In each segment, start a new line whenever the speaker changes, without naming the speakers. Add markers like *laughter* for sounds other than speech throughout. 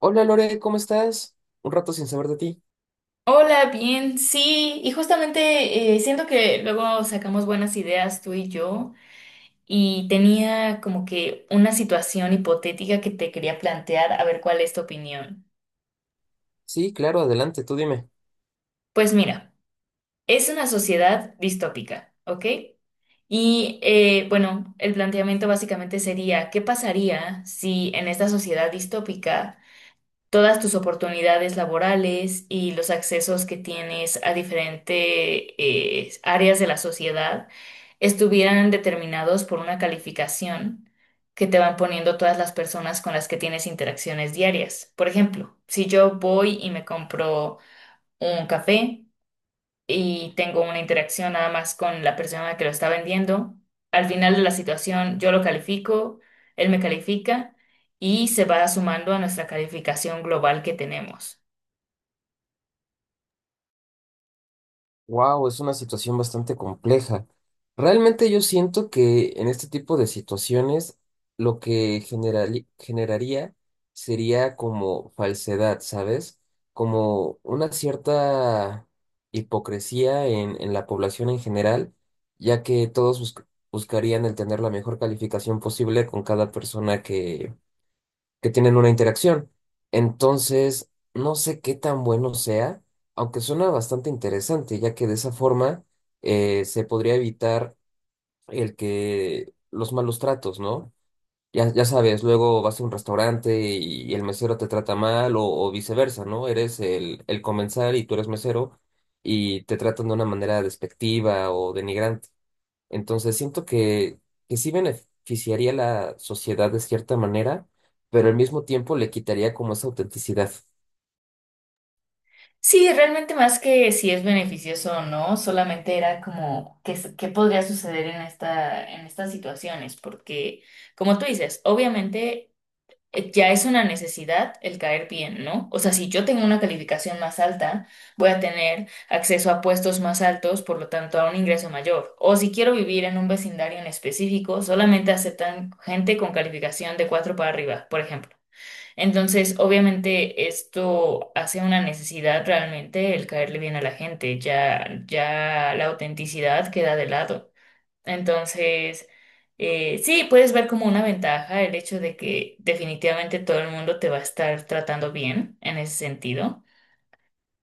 Hola Lore, ¿cómo estás? Un rato sin saber de ti.
Hola, bien, sí, y justamente siento que luego sacamos buenas ideas tú y yo, y tenía como que una situación hipotética que te quería plantear, a ver cuál es tu opinión.
Sí, claro, adelante, tú dime.
Pues mira, es una sociedad distópica, ¿ok? Y bueno, el planteamiento básicamente sería, ¿qué pasaría si en esta sociedad distópica todas tus oportunidades laborales y los accesos que tienes a diferentes áreas de la sociedad estuvieran determinados por una calificación que te van poniendo todas las personas con las que tienes interacciones diarias? Por ejemplo, si yo voy y me compro un café, y tengo una interacción nada más con la persona que lo está vendiendo. Al final de la situación, yo lo califico, él me califica y se va sumando a nuestra calificación global que tenemos.
Wow, es una situación bastante compleja. Realmente yo siento que en este tipo de situaciones lo que generaría sería como falsedad, ¿sabes? Como una cierta hipocresía en la población en general, ya que buscarían el tener la mejor calificación posible con cada persona que tienen una interacción. Entonces, no sé qué tan bueno sea, aunque suena bastante interesante, ya que de esa forma se podría evitar el que los malos tratos, ¿no? Ya, ya sabes, luego vas a un restaurante y el mesero te trata mal o viceversa, ¿no? Eres el comensal y tú eres mesero y te tratan de una manera despectiva o denigrante. Entonces siento que sí beneficiaría a la sociedad de cierta manera, pero al mismo tiempo le quitaría como esa autenticidad.
Sí, realmente más que si es beneficioso o no, solamente era como qué, qué podría suceder en esta, en estas situaciones, porque como tú dices, obviamente ya es una necesidad el caer bien, ¿no? O sea, si yo tengo una calificación más alta, voy a tener acceso a puestos más altos, por lo tanto, a un ingreso mayor. O si quiero vivir en un vecindario en específico, solamente aceptan gente con calificación de 4 para arriba, por ejemplo. Entonces, obviamente, esto hace una necesidad realmente el caerle bien a la gente, ya, ya la autenticidad queda de lado. Entonces, sí, puedes ver como una ventaja el hecho de que definitivamente todo el mundo te va a estar tratando bien en ese sentido,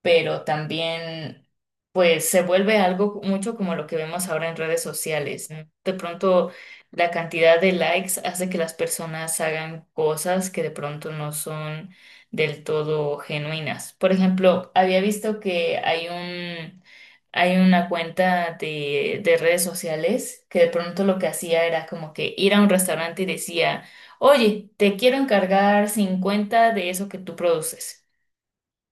pero también pues se vuelve algo mucho como lo que vemos ahora en redes sociales, ¿no? De pronto la cantidad de likes hace que las personas hagan cosas que de pronto no son del todo genuinas. Por ejemplo, había visto que hay una cuenta de redes sociales que de pronto lo que hacía era como que ir a un restaurante y decía, oye, te quiero encargar 50 de eso que tú produces.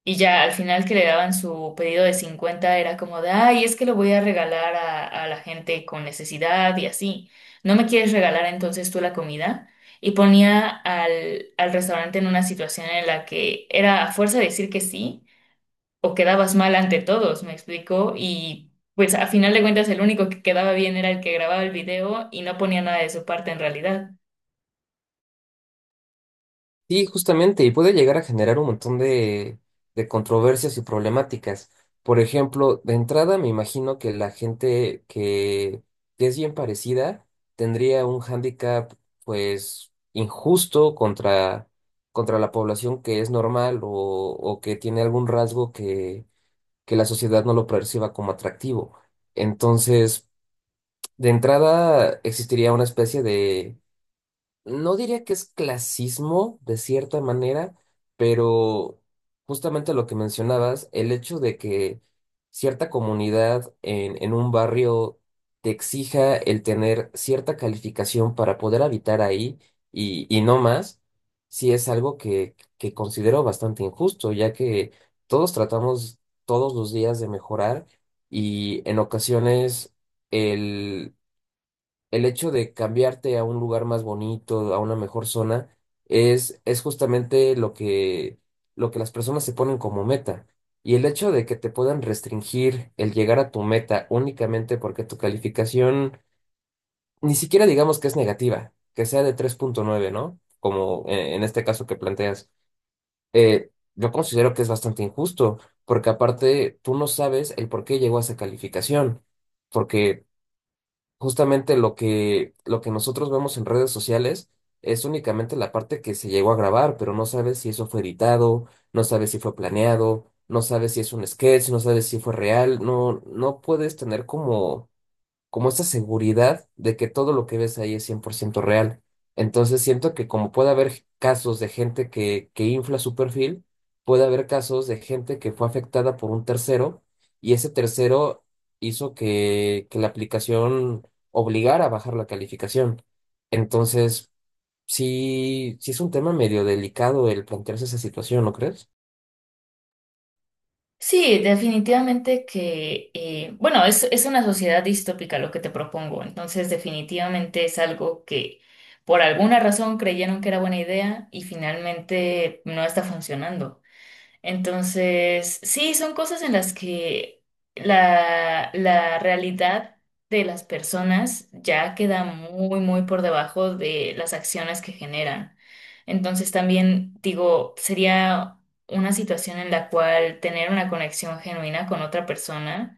Y ya al final que le daban su pedido de 50 era como de, ay, es que lo voy a regalar a la gente con necesidad y así. ¿No me quieres regalar entonces tú la comida? Y ponía al restaurante en una situación en la que era a fuerza de decir que sí o quedabas mal ante todos, me explicó. Y pues a final de cuentas el único que quedaba bien era el que grababa el video y no ponía nada de su parte en realidad.
Sí, justamente, y puede llegar a generar un montón de controversias y problemáticas. Por ejemplo, de entrada me imagino que la gente que es bien parecida tendría un hándicap pues injusto contra la población que es normal o que tiene algún rasgo que la sociedad no lo perciba como atractivo. Entonces, de entrada, existiría una especie de no diría que es clasismo, de cierta manera, pero justamente lo que mencionabas, el hecho de que cierta comunidad en un barrio te exija el tener cierta calificación para poder habitar ahí y no más, sí es algo que considero bastante injusto, ya que todos tratamos todos los días de mejorar y en ocasiones el hecho de cambiarte a un lugar más bonito, a una mejor zona, es justamente lo que las personas se ponen como meta. Y el hecho de que te puedan restringir el llegar a tu meta únicamente porque tu calificación, ni siquiera digamos que es negativa, que sea de 3.9, ¿no? Como en este caso que planteas, eh, yo considero que es bastante injusto, porque aparte tú no sabes el por qué llegó a esa calificación, porque justamente lo que nosotros vemos en redes sociales es únicamente la parte que se llegó a grabar, pero no sabes si eso fue editado, no sabes si fue planeado, no sabes si es un sketch, no sabes si fue real, no, no puedes tener como como esta seguridad de que todo lo que ves ahí es 100% real. Entonces siento que como puede haber casos de gente que infla su perfil, puede haber casos de gente que fue afectada por un tercero y ese tercero hizo que la aplicación obligara a bajar la calificación. Entonces, sí, sí es un tema medio delicado el plantearse esa situación, ¿no crees?
Sí, definitivamente que, bueno, es una sociedad distópica lo que te propongo, entonces definitivamente es algo que por alguna razón creyeron que era buena idea y finalmente no está funcionando. Entonces, sí, son cosas en las que la realidad de las personas ya queda muy, muy por debajo de las acciones que generan. Entonces, también digo, sería una situación en la cual tener una conexión genuina con otra persona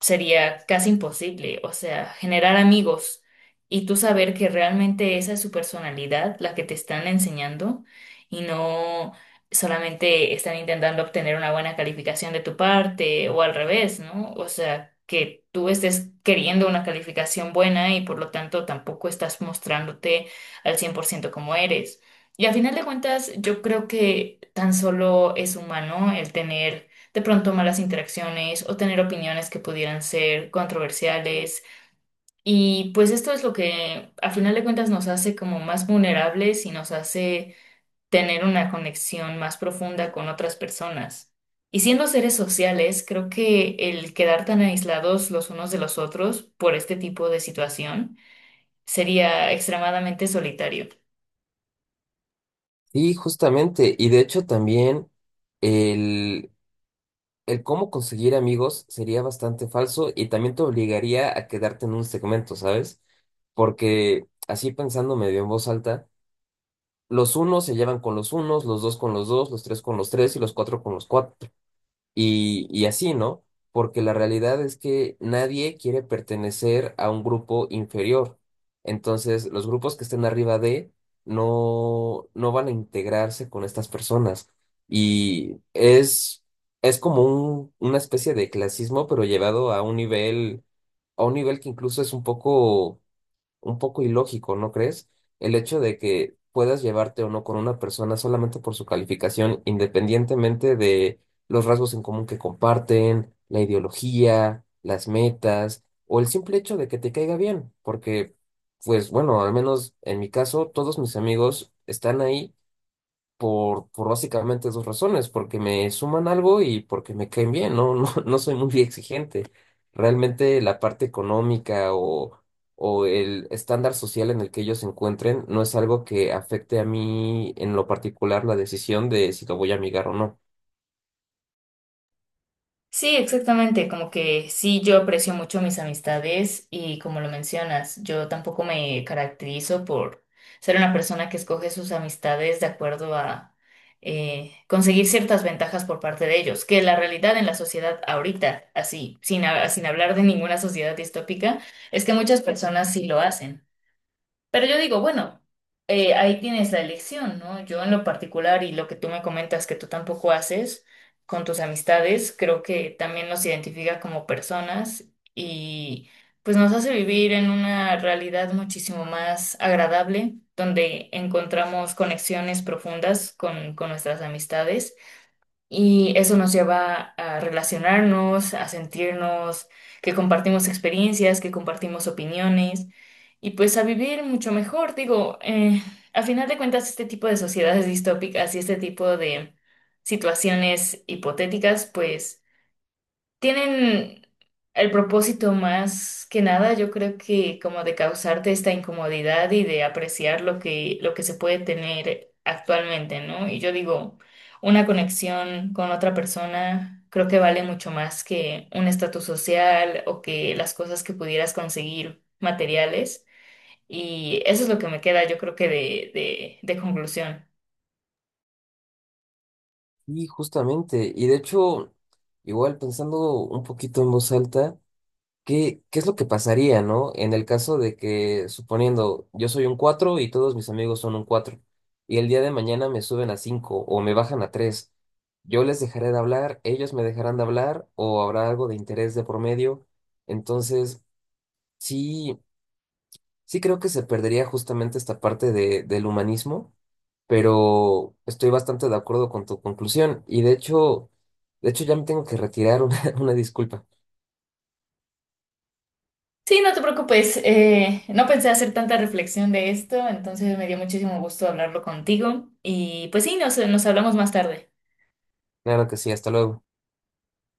sería casi imposible, o sea, generar amigos y tú saber que realmente esa es su personalidad, la que te están enseñando y no solamente están intentando obtener una buena calificación de tu parte o al revés, ¿no? O sea, que tú estés queriendo una calificación buena y por lo tanto tampoco estás mostrándote al 100% como eres. Y a final de cuentas, yo creo que tan solo es humano el tener de pronto malas interacciones o tener opiniones que pudieran ser controversiales. Y pues esto es lo que a final de cuentas nos hace como más vulnerables y nos hace tener una conexión más profunda con otras personas. Y siendo seres sociales, creo que el quedar tan aislados los unos de los otros por este tipo de situación sería extremadamente solitario.
Sí, justamente. Y de hecho también el cómo conseguir amigos sería bastante falso y también te obligaría a quedarte en un segmento, ¿sabes? Porque así pensando medio en voz alta, los unos se llevan con los unos, los dos con los dos, los tres con los tres y los cuatro con los cuatro. Y así, ¿no? Porque la realidad es que nadie quiere pertenecer a un grupo inferior. Entonces, los grupos que estén arriba de no, no van a integrarse con estas personas. Y es como una especie de clasismo, pero llevado a un nivel que incluso es un poco ilógico, ¿no crees? El hecho de que puedas llevarte o no con una persona solamente por su calificación, independientemente de los rasgos en común que comparten, la ideología, las metas o el simple hecho de que te caiga bien, porque, pues bueno, al menos en mi caso, todos mis amigos están ahí por básicamente dos razones, porque me suman algo y porque me caen bien, no, no, *laughs* no soy muy exigente. Realmente la parte económica o el estándar social en el que ellos se encuentren no es algo que afecte a mí en lo particular la decisión de si lo voy a amigar o no.
Sí, exactamente, como que sí, yo aprecio mucho mis amistades y como lo mencionas, yo tampoco me caracterizo por ser una persona que escoge sus amistades de acuerdo a conseguir ciertas ventajas por parte de ellos, que la realidad en la sociedad ahorita, así, sin hablar de ninguna sociedad distópica, es que muchas personas sí lo hacen. Pero yo digo, bueno, ahí tienes la elección, ¿no? Yo en lo particular y lo que tú me comentas que tú tampoco haces con tus amistades, creo que también nos identifica como personas y pues nos hace vivir en una realidad muchísimo más agradable, donde encontramos conexiones profundas con nuestras amistades. Y eso nos lleva a relacionarnos, a sentirnos que compartimos experiencias, que compartimos opiniones y pues a vivir mucho mejor. Digo, a final de cuentas, este tipo de sociedades *laughs* distópicas y este tipo de situaciones hipotéticas, pues tienen el propósito más que nada, yo creo que como de causarte esta incomodidad y de apreciar lo que se puede tener actualmente, ¿no? Y yo digo, una conexión con otra persona creo que vale mucho más que un estatus social o que las cosas que pudieras conseguir materiales. Y eso es lo que me queda, yo creo que de, de conclusión.
Y justamente, y de hecho, igual pensando un poquito en voz alta, ¿qué, qué es lo que pasaría, ¿no? En el caso de que, suponiendo, yo soy un 4 y todos mis amigos son un 4 y el día de mañana me suben a 5 o me bajan a tres, yo les dejaré de hablar, ellos me dejarán de hablar o habrá algo de interés de por medio. Entonces, sí, sí creo que se perdería justamente esta parte del humanismo, pero estoy bastante de acuerdo con tu conclusión y de hecho ya me tengo que retirar, *laughs* una disculpa.
Sí, no te preocupes. No pensé hacer tanta reflexión de esto, entonces me dio muchísimo gusto hablarlo contigo. Y pues sí, nos hablamos más tarde.
Claro que sí, hasta luego.